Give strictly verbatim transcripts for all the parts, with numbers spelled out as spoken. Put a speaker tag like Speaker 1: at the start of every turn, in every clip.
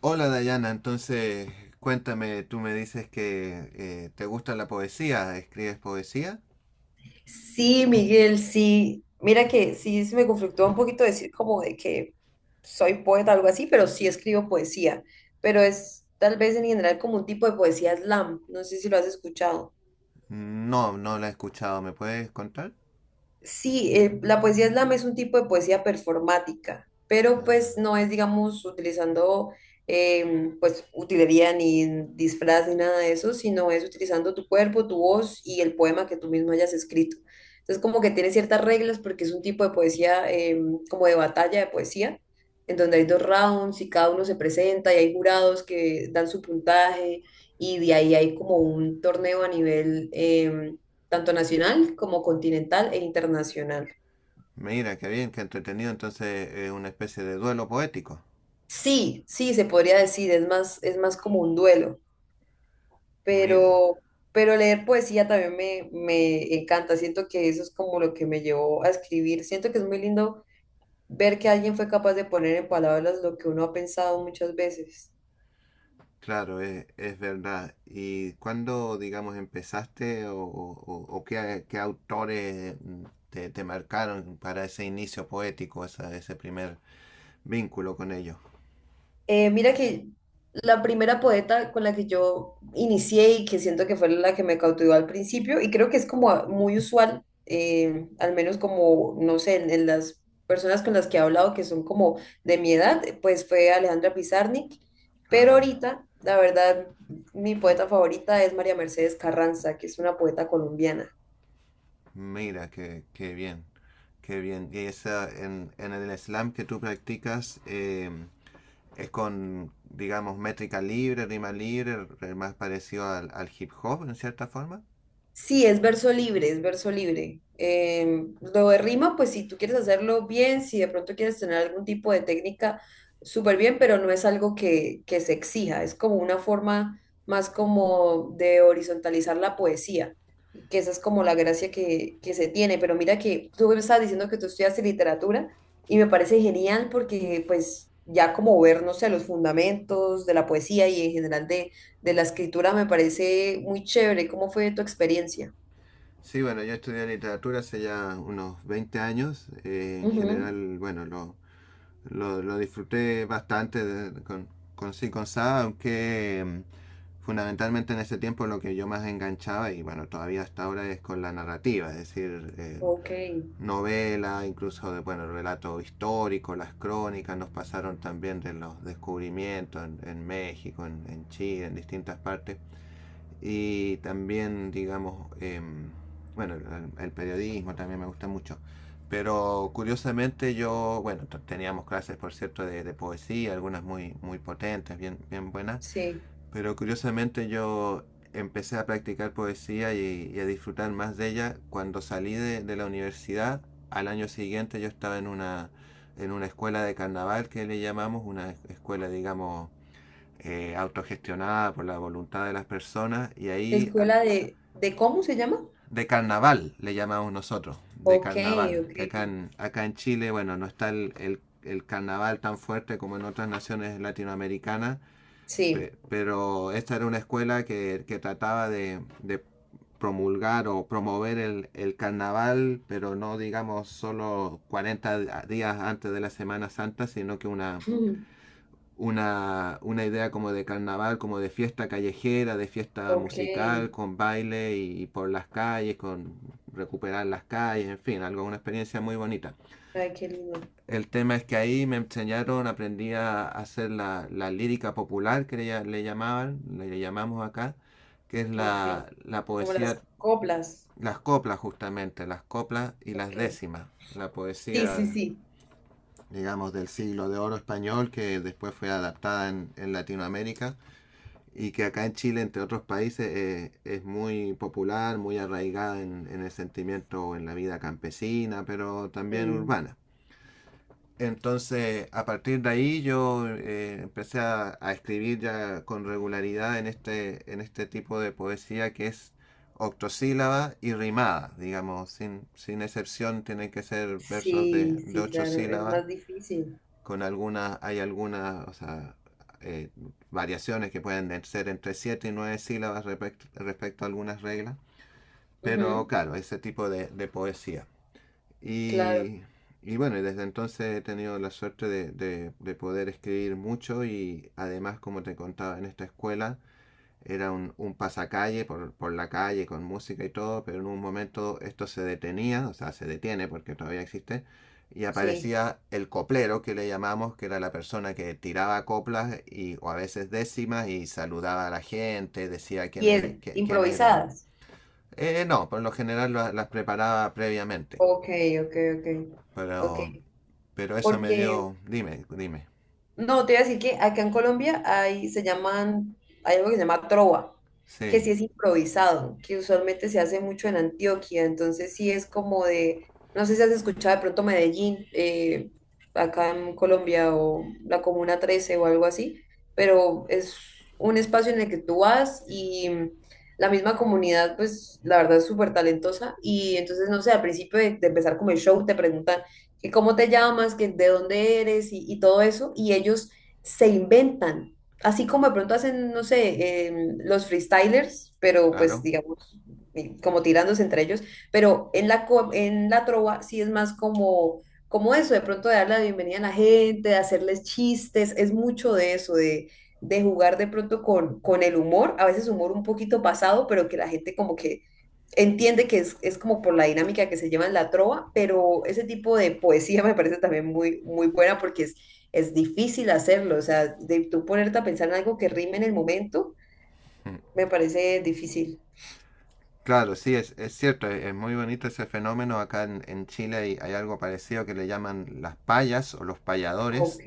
Speaker 1: Hola Dayana, entonces cuéntame, tú me dices que eh, te gusta la poesía, ¿escribes poesía?
Speaker 2: Sí, Miguel, sí. Mira que sí se me conflictó un poquito decir como de que soy poeta o algo así, pero sí escribo poesía. Pero es tal vez en general como un tipo de poesía slam. No sé si lo has escuchado.
Speaker 1: No, no la he escuchado, ¿me puedes contar?
Speaker 2: Sí, eh, la poesía slam es un tipo de poesía performática, pero pues
Speaker 1: Ah,
Speaker 2: no es, digamos, utilizando em, pues utilería ni disfraz ni nada de eso, sino es utilizando tu cuerpo, tu voz y el poema que tú mismo hayas escrito. Entonces como que tiene ciertas reglas porque es un tipo de poesía em, como de batalla de poesía, en donde hay dos rounds y cada uno se presenta y hay jurados que dan su puntaje y de ahí hay como un torneo a nivel mundial tanto nacional como continental e internacional.
Speaker 1: mira, qué bien, qué entretenido, entonces es una especie de duelo poético.
Speaker 2: Sí, sí, se podría decir, es más, es más como un duelo,
Speaker 1: Mira,
Speaker 2: pero, pero leer poesía también me, me encanta, siento que eso es como lo que me llevó a escribir, siento que es muy lindo ver que alguien fue capaz de poner en palabras lo que uno ha pensado muchas veces.
Speaker 1: claro, es, es verdad. ¿Y cuándo, digamos, empezaste o, o- o qué, qué autores mm, te, te marcaron para ese inicio poético, esa- ese primer vínculo con ellos?
Speaker 2: Eh, mira que la primera poeta con la que yo inicié y que siento que fue la que me cautivó al principio, y creo que es como muy usual, eh, al menos como, no sé, en, en las personas con las que he hablado que son como de mi edad, pues fue Alejandra Pizarnik, pero
Speaker 1: Ah.
Speaker 2: ahorita, la verdad, mi poeta favorita es María Mercedes Carranza, que es una poeta colombiana.
Speaker 1: Mira, qué, qué bien, qué bien. Y esa, en, en el slam que tú practicas, eh, es con, digamos, métrica libre, rima libre, más parecido al, al hip hop en cierta forma.
Speaker 2: Sí, es verso libre, es verso libre. Eh, lo de rima, pues si tú quieres hacerlo bien, si de pronto quieres tener algún tipo de técnica, súper bien, pero no es algo que, que se exija, es como una forma más como de horizontalizar la poesía, que esa es como la gracia que, que se tiene. Pero mira que tú me estabas diciendo que tú estudiaste literatura y me parece genial porque pues ya como ver, no sé, los fundamentos de la poesía y en general de la escritura me parece muy chévere. ¿Cómo fue tu experiencia?
Speaker 1: Sí, bueno, yo estudié literatura hace ya unos veinte años. Eh, en
Speaker 2: Ujú.
Speaker 1: general, bueno, lo, lo, lo disfruté bastante de- con, con sí, con sa, aunque em, fundamentalmente en ese tiempo lo que yo más enganchaba, y bueno, todavía hasta ahora es con la narrativa, es decir, eh,
Speaker 2: Ok,
Speaker 1: novela, incluso de, bueno, relatos históricos, las crónicas, nos pasaron también de los descubrimientos en, en México, en, en, Chile, en distintas partes. Y también, digamos, eh, bueno, el, el, periodismo también me gusta mucho. Pero curiosamente yo, bueno, teníamos clases, por cierto, de, de poesía, algunas muy, muy potentes, bien, bien buenas.
Speaker 2: sí.
Speaker 1: Pero curiosamente yo empecé a practicar poesía y, y a disfrutar más de ella cuando salí de, de la universidad. Al año siguiente yo estaba en una, en una escuela de carnaval que le llamamos, una escuela, digamos, eh, autogestionada por la voluntad de las personas, y ahí
Speaker 2: ¿Escuela de, de cómo se llama?
Speaker 1: de carnaval le llamamos nosotros, de
Speaker 2: Ok,
Speaker 1: carnaval,
Speaker 2: ok,
Speaker 1: que acá en, acá en Chile, bueno, no está el, el- el carnaval tan fuerte como en otras naciones latinoamericanas. Pe-
Speaker 2: sí.
Speaker 1: pero esta era una escuela que, que trataba de, de promulgar o promover el, el carnaval, pero no digamos solo cuarenta di- días antes de la Semana Santa, sino que una,
Speaker 2: Ujú.
Speaker 1: una, una idea como de carnaval, como de fiesta callejera, de fiesta
Speaker 2: Ok,
Speaker 1: musical,
Speaker 2: ay,
Speaker 1: con baile y, por las calles, con recuperar las calles, en fin, algo, una experiencia muy bonita.
Speaker 2: qué lindo.
Speaker 1: El tema es que ahí me enseñaron, aprendí a hacer la, la lírica popular que le, le llamaban, le, le llamamos acá, que es
Speaker 2: Ok,
Speaker 1: la, la
Speaker 2: como
Speaker 1: poesía,
Speaker 2: las coplas.
Speaker 1: las coplas justamente, las coplas y las
Speaker 2: Ok.
Speaker 1: décimas. La
Speaker 2: Sí, sí,
Speaker 1: poesía,
Speaker 2: sí.
Speaker 1: digamos, del siglo de oro español que después fue adaptada en, en Latinoamérica y que acá en Chile, entre otros países, eh, es muy popular, muy arraigada en, en el sentimiento, en la vida campesina, pero también
Speaker 2: Mm.
Speaker 1: urbana. Entonces, a partir de ahí yo eh, empecé a, a escribir ya con regularidad en este, en este tipo de poesía que es octosílaba y rimada, digamos, sin, sin excepción tienen que ser versos de,
Speaker 2: Sí,
Speaker 1: de
Speaker 2: sí,
Speaker 1: ocho
Speaker 2: claro, es
Speaker 1: sílabas,
Speaker 2: más difícil.
Speaker 1: con algunas, hay algunas, o sea, eh, variaciones que pueden ser entre siete y nueve sílabas respecto respecto a algunas reglas, pero
Speaker 2: Ujú.
Speaker 1: claro, ese tipo de, de poesía.
Speaker 2: Claro,
Speaker 1: Y, y bueno, y desde entonces he tenido la suerte de, de- de poder escribir mucho y además, como te contaba, en esta escuela era un, un pasacalle por, por la calle con música y todo, pero en un momento esto se detenía, o sea, se detiene porque todavía existe, y
Speaker 2: sí.
Speaker 1: aparecía el coplero que le llamamos, que era la persona que tiraba coplas y, o a veces décimas y saludaba a la gente, decía quién,
Speaker 2: Y
Speaker 1: era,
Speaker 2: es
Speaker 1: qué- quiénes éramos.
Speaker 2: improvisadas.
Speaker 1: Eh, no, por lo general la- las preparaba previamente.
Speaker 2: Ok, ok, ok. Ok,
Speaker 1: Pero, pero eso me
Speaker 2: porque
Speaker 1: dio, dime, dime.
Speaker 2: no, te iba a decir que acá en Colombia hay, se llaman, hay algo que se llama trova, que
Speaker 1: Sí,
Speaker 2: sí es improvisado, que usualmente se hace mucho en Antioquia, entonces sí es como de, no sé si has escuchado de pronto Medellín, eh, acá en Colombia o la Comuna trece o algo así, pero es un espacio en el que tú vas y la misma comunidad, pues la verdad es súper talentosa y entonces, no sé, al principio de, de empezar como el show te preguntan que cómo te llamas, que de dónde eres y, y todo eso, y ellos se inventan, así como de pronto hacen, no sé, em, los freestylers, pero pues
Speaker 1: claro.
Speaker 2: digamos, eh, como tirándose entre ellos, pero en la, co- en la trova sí es más como, como eso, de pronto de dar la bienvenida a la gente, de hacerles chistes, es mucho de eso, de... de jugar de pronto con, con el humor, a veces humor un poquito pasado, pero que la gente como que entiende que es, es como por la dinámica que se lleva en la trova, pero ese tipo de poesía me parece también muy, muy buena porque es, es difícil hacerlo, o sea, de tú ponerte a pensar en algo que rime en el momento,
Speaker 1: Mm.
Speaker 2: me parece difícil.
Speaker 1: Claro, sí, es, es cierto, es, es muy bonito ese fenómeno. Acá en, en Chile hay, hay algo parecido que le llaman las payas o los payadores,
Speaker 2: Ok,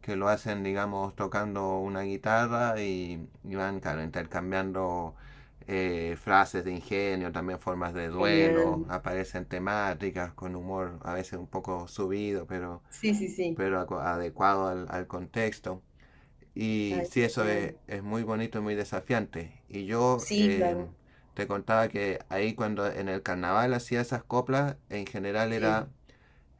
Speaker 1: que lo hacen, digamos, tocando una guitarra y, y van, claro, intercambiando eh, frases de ingenio, también formas de duelo,
Speaker 2: genial.
Speaker 1: aparecen temáticas con humor a veces un poco subido, pero,
Speaker 2: Sí, sí, sí.
Speaker 1: pero acu- adecuado al, al contexto. Y
Speaker 2: Ay,
Speaker 1: sí, eso es,
Speaker 2: genial.
Speaker 1: es muy bonito y muy desafiante. Y yo
Speaker 2: Sí,
Speaker 1: eh,
Speaker 2: claro,
Speaker 1: te contaba que ahí cuando en el carnaval hacía esas coplas, en general
Speaker 2: sí,
Speaker 1: era,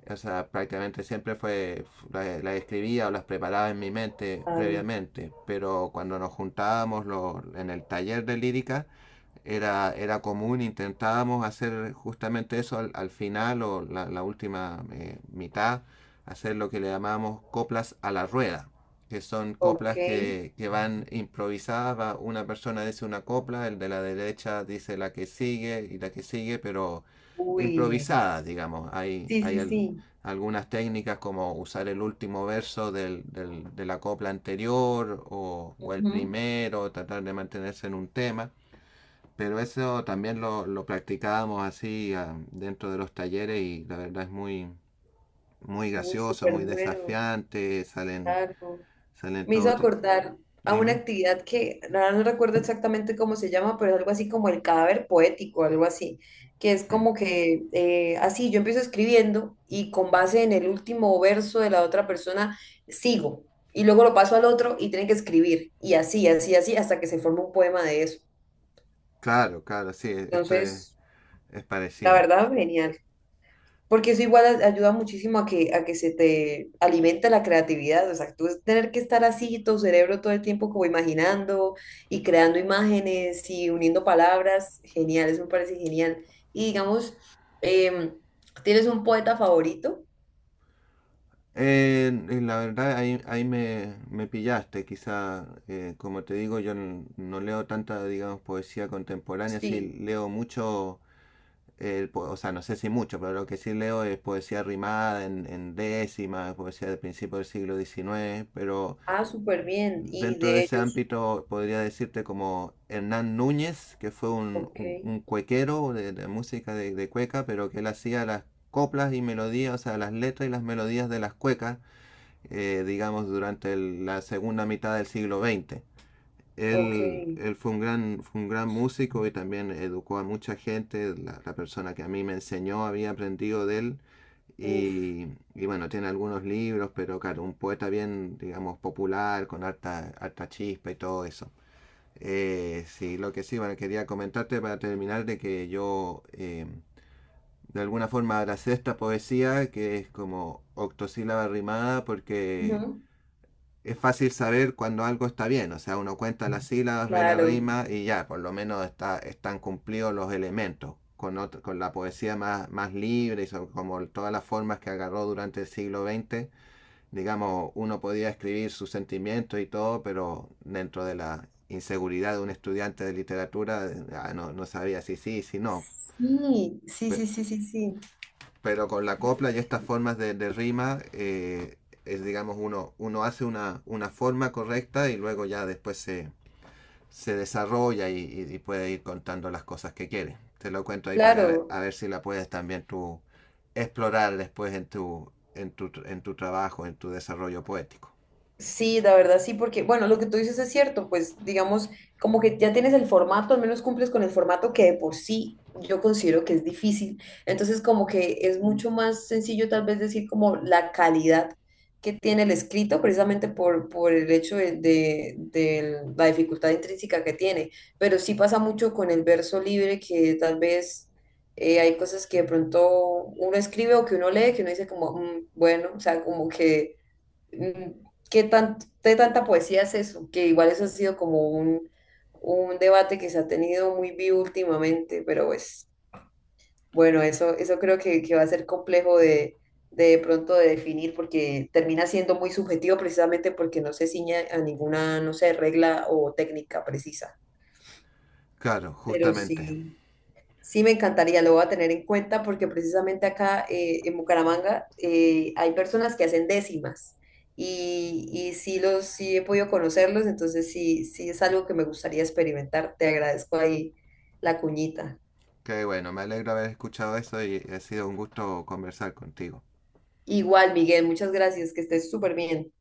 Speaker 1: o sea, prácticamente siempre fue, las la escribía o las preparaba en mi mente
Speaker 2: claro.
Speaker 1: previamente, pero cuando nos juntábamos lo- en el taller de lírica, era, era común, intentábamos hacer justamente eso al, al final o la, la última eh, mitad, hacer lo que le llamábamos coplas a la rueda, que son
Speaker 2: Ok,
Speaker 1: coplas que, que van improvisadas, va- una persona dice una copla, el de la derecha dice la que sigue y la que sigue, pero
Speaker 2: uy,
Speaker 1: improvisadas, digamos. Hay,
Speaker 2: sí,
Speaker 1: hay
Speaker 2: sí,
Speaker 1: al-
Speaker 2: sí.
Speaker 1: algunas técnicas como usar el último verso del- del- de la copla anterior o, o el
Speaker 2: Ujú.
Speaker 1: primero, tratar de mantenerse en un tema. Pero eso también lo, lo practicábamos así ah, dentro de los talleres y la verdad es muy, muy
Speaker 2: Uy,
Speaker 1: gracioso,
Speaker 2: súper
Speaker 1: muy
Speaker 2: bueno,
Speaker 1: desafiante, salen,
Speaker 2: claro.
Speaker 1: salen
Speaker 2: Me hizo
Speaker 1: todo.
Speaker 2: acordar a una
Speaker 1: Dime.
Speaker 2: actividad que ahora no recuerdo exactamente cómo se llama, pero es algo así como el cadáver poético, algo así, que es
Speaker 1: Hmm.
Speaker 2: como que eh, así yo empiezo escribiendo y con base en el último verso de la otra persona sigo y luego lo paso al otro y tiene que escribir y así, así, así hasta que se forma un poema de eso.
Speaker 1: Claro, claro, sí, e-, esto es,
Speaker 2: Entonces,
Speaker 1: es
Speaker 2: la
Speaker 1: parecido.
Speaker 2: verdad, genial. Porque eso igual a- ayuda muchísimo a que, a que se te alimente la creatividad. O sea, tú es tener que estar así, tu cerebro todo el tiempo como imaginando y creando imágenes y uniendo palabras. Genial, eso me parece genial. Y digamos, em, ¿tienes un poeta favorito?
Speaker 1: Eh, la verdad ahí, ahí me, me pillaste, quizá, eh, como te digo, yo n- no leo tanta, digamos, poesía contemporánea, sí
Speaker 2: Sí.
Speaker 1: leo mucho eh, po- o sea, no sé si mucho, pero lo que sí leo es poesía rimada en, en décimas, poesía de principios del siglo diecinueve, pero
Speaker 2: Ah, súper bien. Y
Speaker 1: dentro de
Speaker 2: de
Speaker 1: ese
Speaker 2: ellos,
Speaker 1: ámbito podría decirte como Hernán Núñez, que fue un,
Speaker 2: ok,
Speaker 1: un- un cuequero de, de música de, de cueca, pero que él hacía las coplas y melodías, o sea, las letras y las melodías de las cuecas, eh, digamos, durante el- la segunda mitad del siglo veinte.
Speaker 2: ok.
Speaker 1: Él, él fue un gran, fue un gran músico y también educó a mucha gente. La, la persona que a mí me enseñó había aprendido de él.
Speaker 2: Uf.
Speaker 1: Y, y bueno, tiene algunos libros, pero claro, un poeta bien, digamos, popular, con harta, harta chispa y todo eso. Eh, sí, lo que sí, bueno, quería comentarte para terminar de que yo eh, de alguna forma abracé esta poesía que es como octosílaba rimada porque
Speaker 2: Ujú.
Speaker 1: es fácil saber cuando algo está bien, o sea, uno cuenta las sílabas, ve la
Speaker 2: Claro.
Speaker 1: rima y ya, por lo menos está, están cumplidos los elementos. Con, otro, con la poesía más, más libre y sobre, como todas las formas que agarró durante el siglo veinte, digamos, uno podía escribir sus sentimientos y todo, pero dentro de la inseguridad de un estudiante de literatura, ah, no, no sabía si sí, si no.
Speaker 2: Sí, sí,
Speaker 1: Pero,
Speaker 2: sí, sí, sí, sí.
Speaker 1: pero con la copla y estas formas de, de rima, eh, es, digamos, uno, uno hace una, una forma correcta y luego ya después se, se desarrolla y, y- y puede ir contando las cosas que quiere. Te lo cuento ahí para que a ver, a
Speaker 2: Claro.
Speaker 1: ver si la puedes también tú explorar después en tu, en tu, en tu trabajo, en tu desarrollo poético.
Speaker 2: Sí, la verdad sí, porque, bueno, lo que tú dices es cierto, pues digamos, como que ya tienes el formato, al menos cumples con el formato que de por sí yo considero que es difícil. Entonces, como que es mucho más sencillo tal vez decir como la calidad que tiene el escrito, precisamente por, por el hecho de, de- de la dificultad intrínseca que tiene. Pero sí pasa mucho con el verso libre, que tal vez eh, hay cosas que de pronto uno escribe o que uno lee, que uno dice como, "Mm, bueno, o sea, como que mm, ¿qué tan, de tanta poesía es eso? Que igual eso ha sido como un, un debate que se ha tenido muy vivo últimamente, pero pues bueno, eso, eso creo que, que va a ser complejo de, de, de pronto de definir porque termina siendo muy subjetivo precisamente porque no se ciña a ninguna, no sé, regla o técnica precisa.
Speaker 1: Claro,
Speaker 2: Pero
Speaker 1: justamente.
Speaker 2: sí. Sí, me encantaría, lo voy a tener en cuenta porque precisamente acá eh, en Bucaramanga eh, hay personas que hacen décimas y, y sí, los, sí he podido conocerlos, entonces sí, sí es algo que me gustaría experimentar. Te agradezco ahí la cuñita.
Speaker 1: Qué bueno, me alegro haber escuchado eso y ha sido un gusto conversar contigo.
Speaker 2: Igual, Miguel, muchas gracias, que estés súper bien.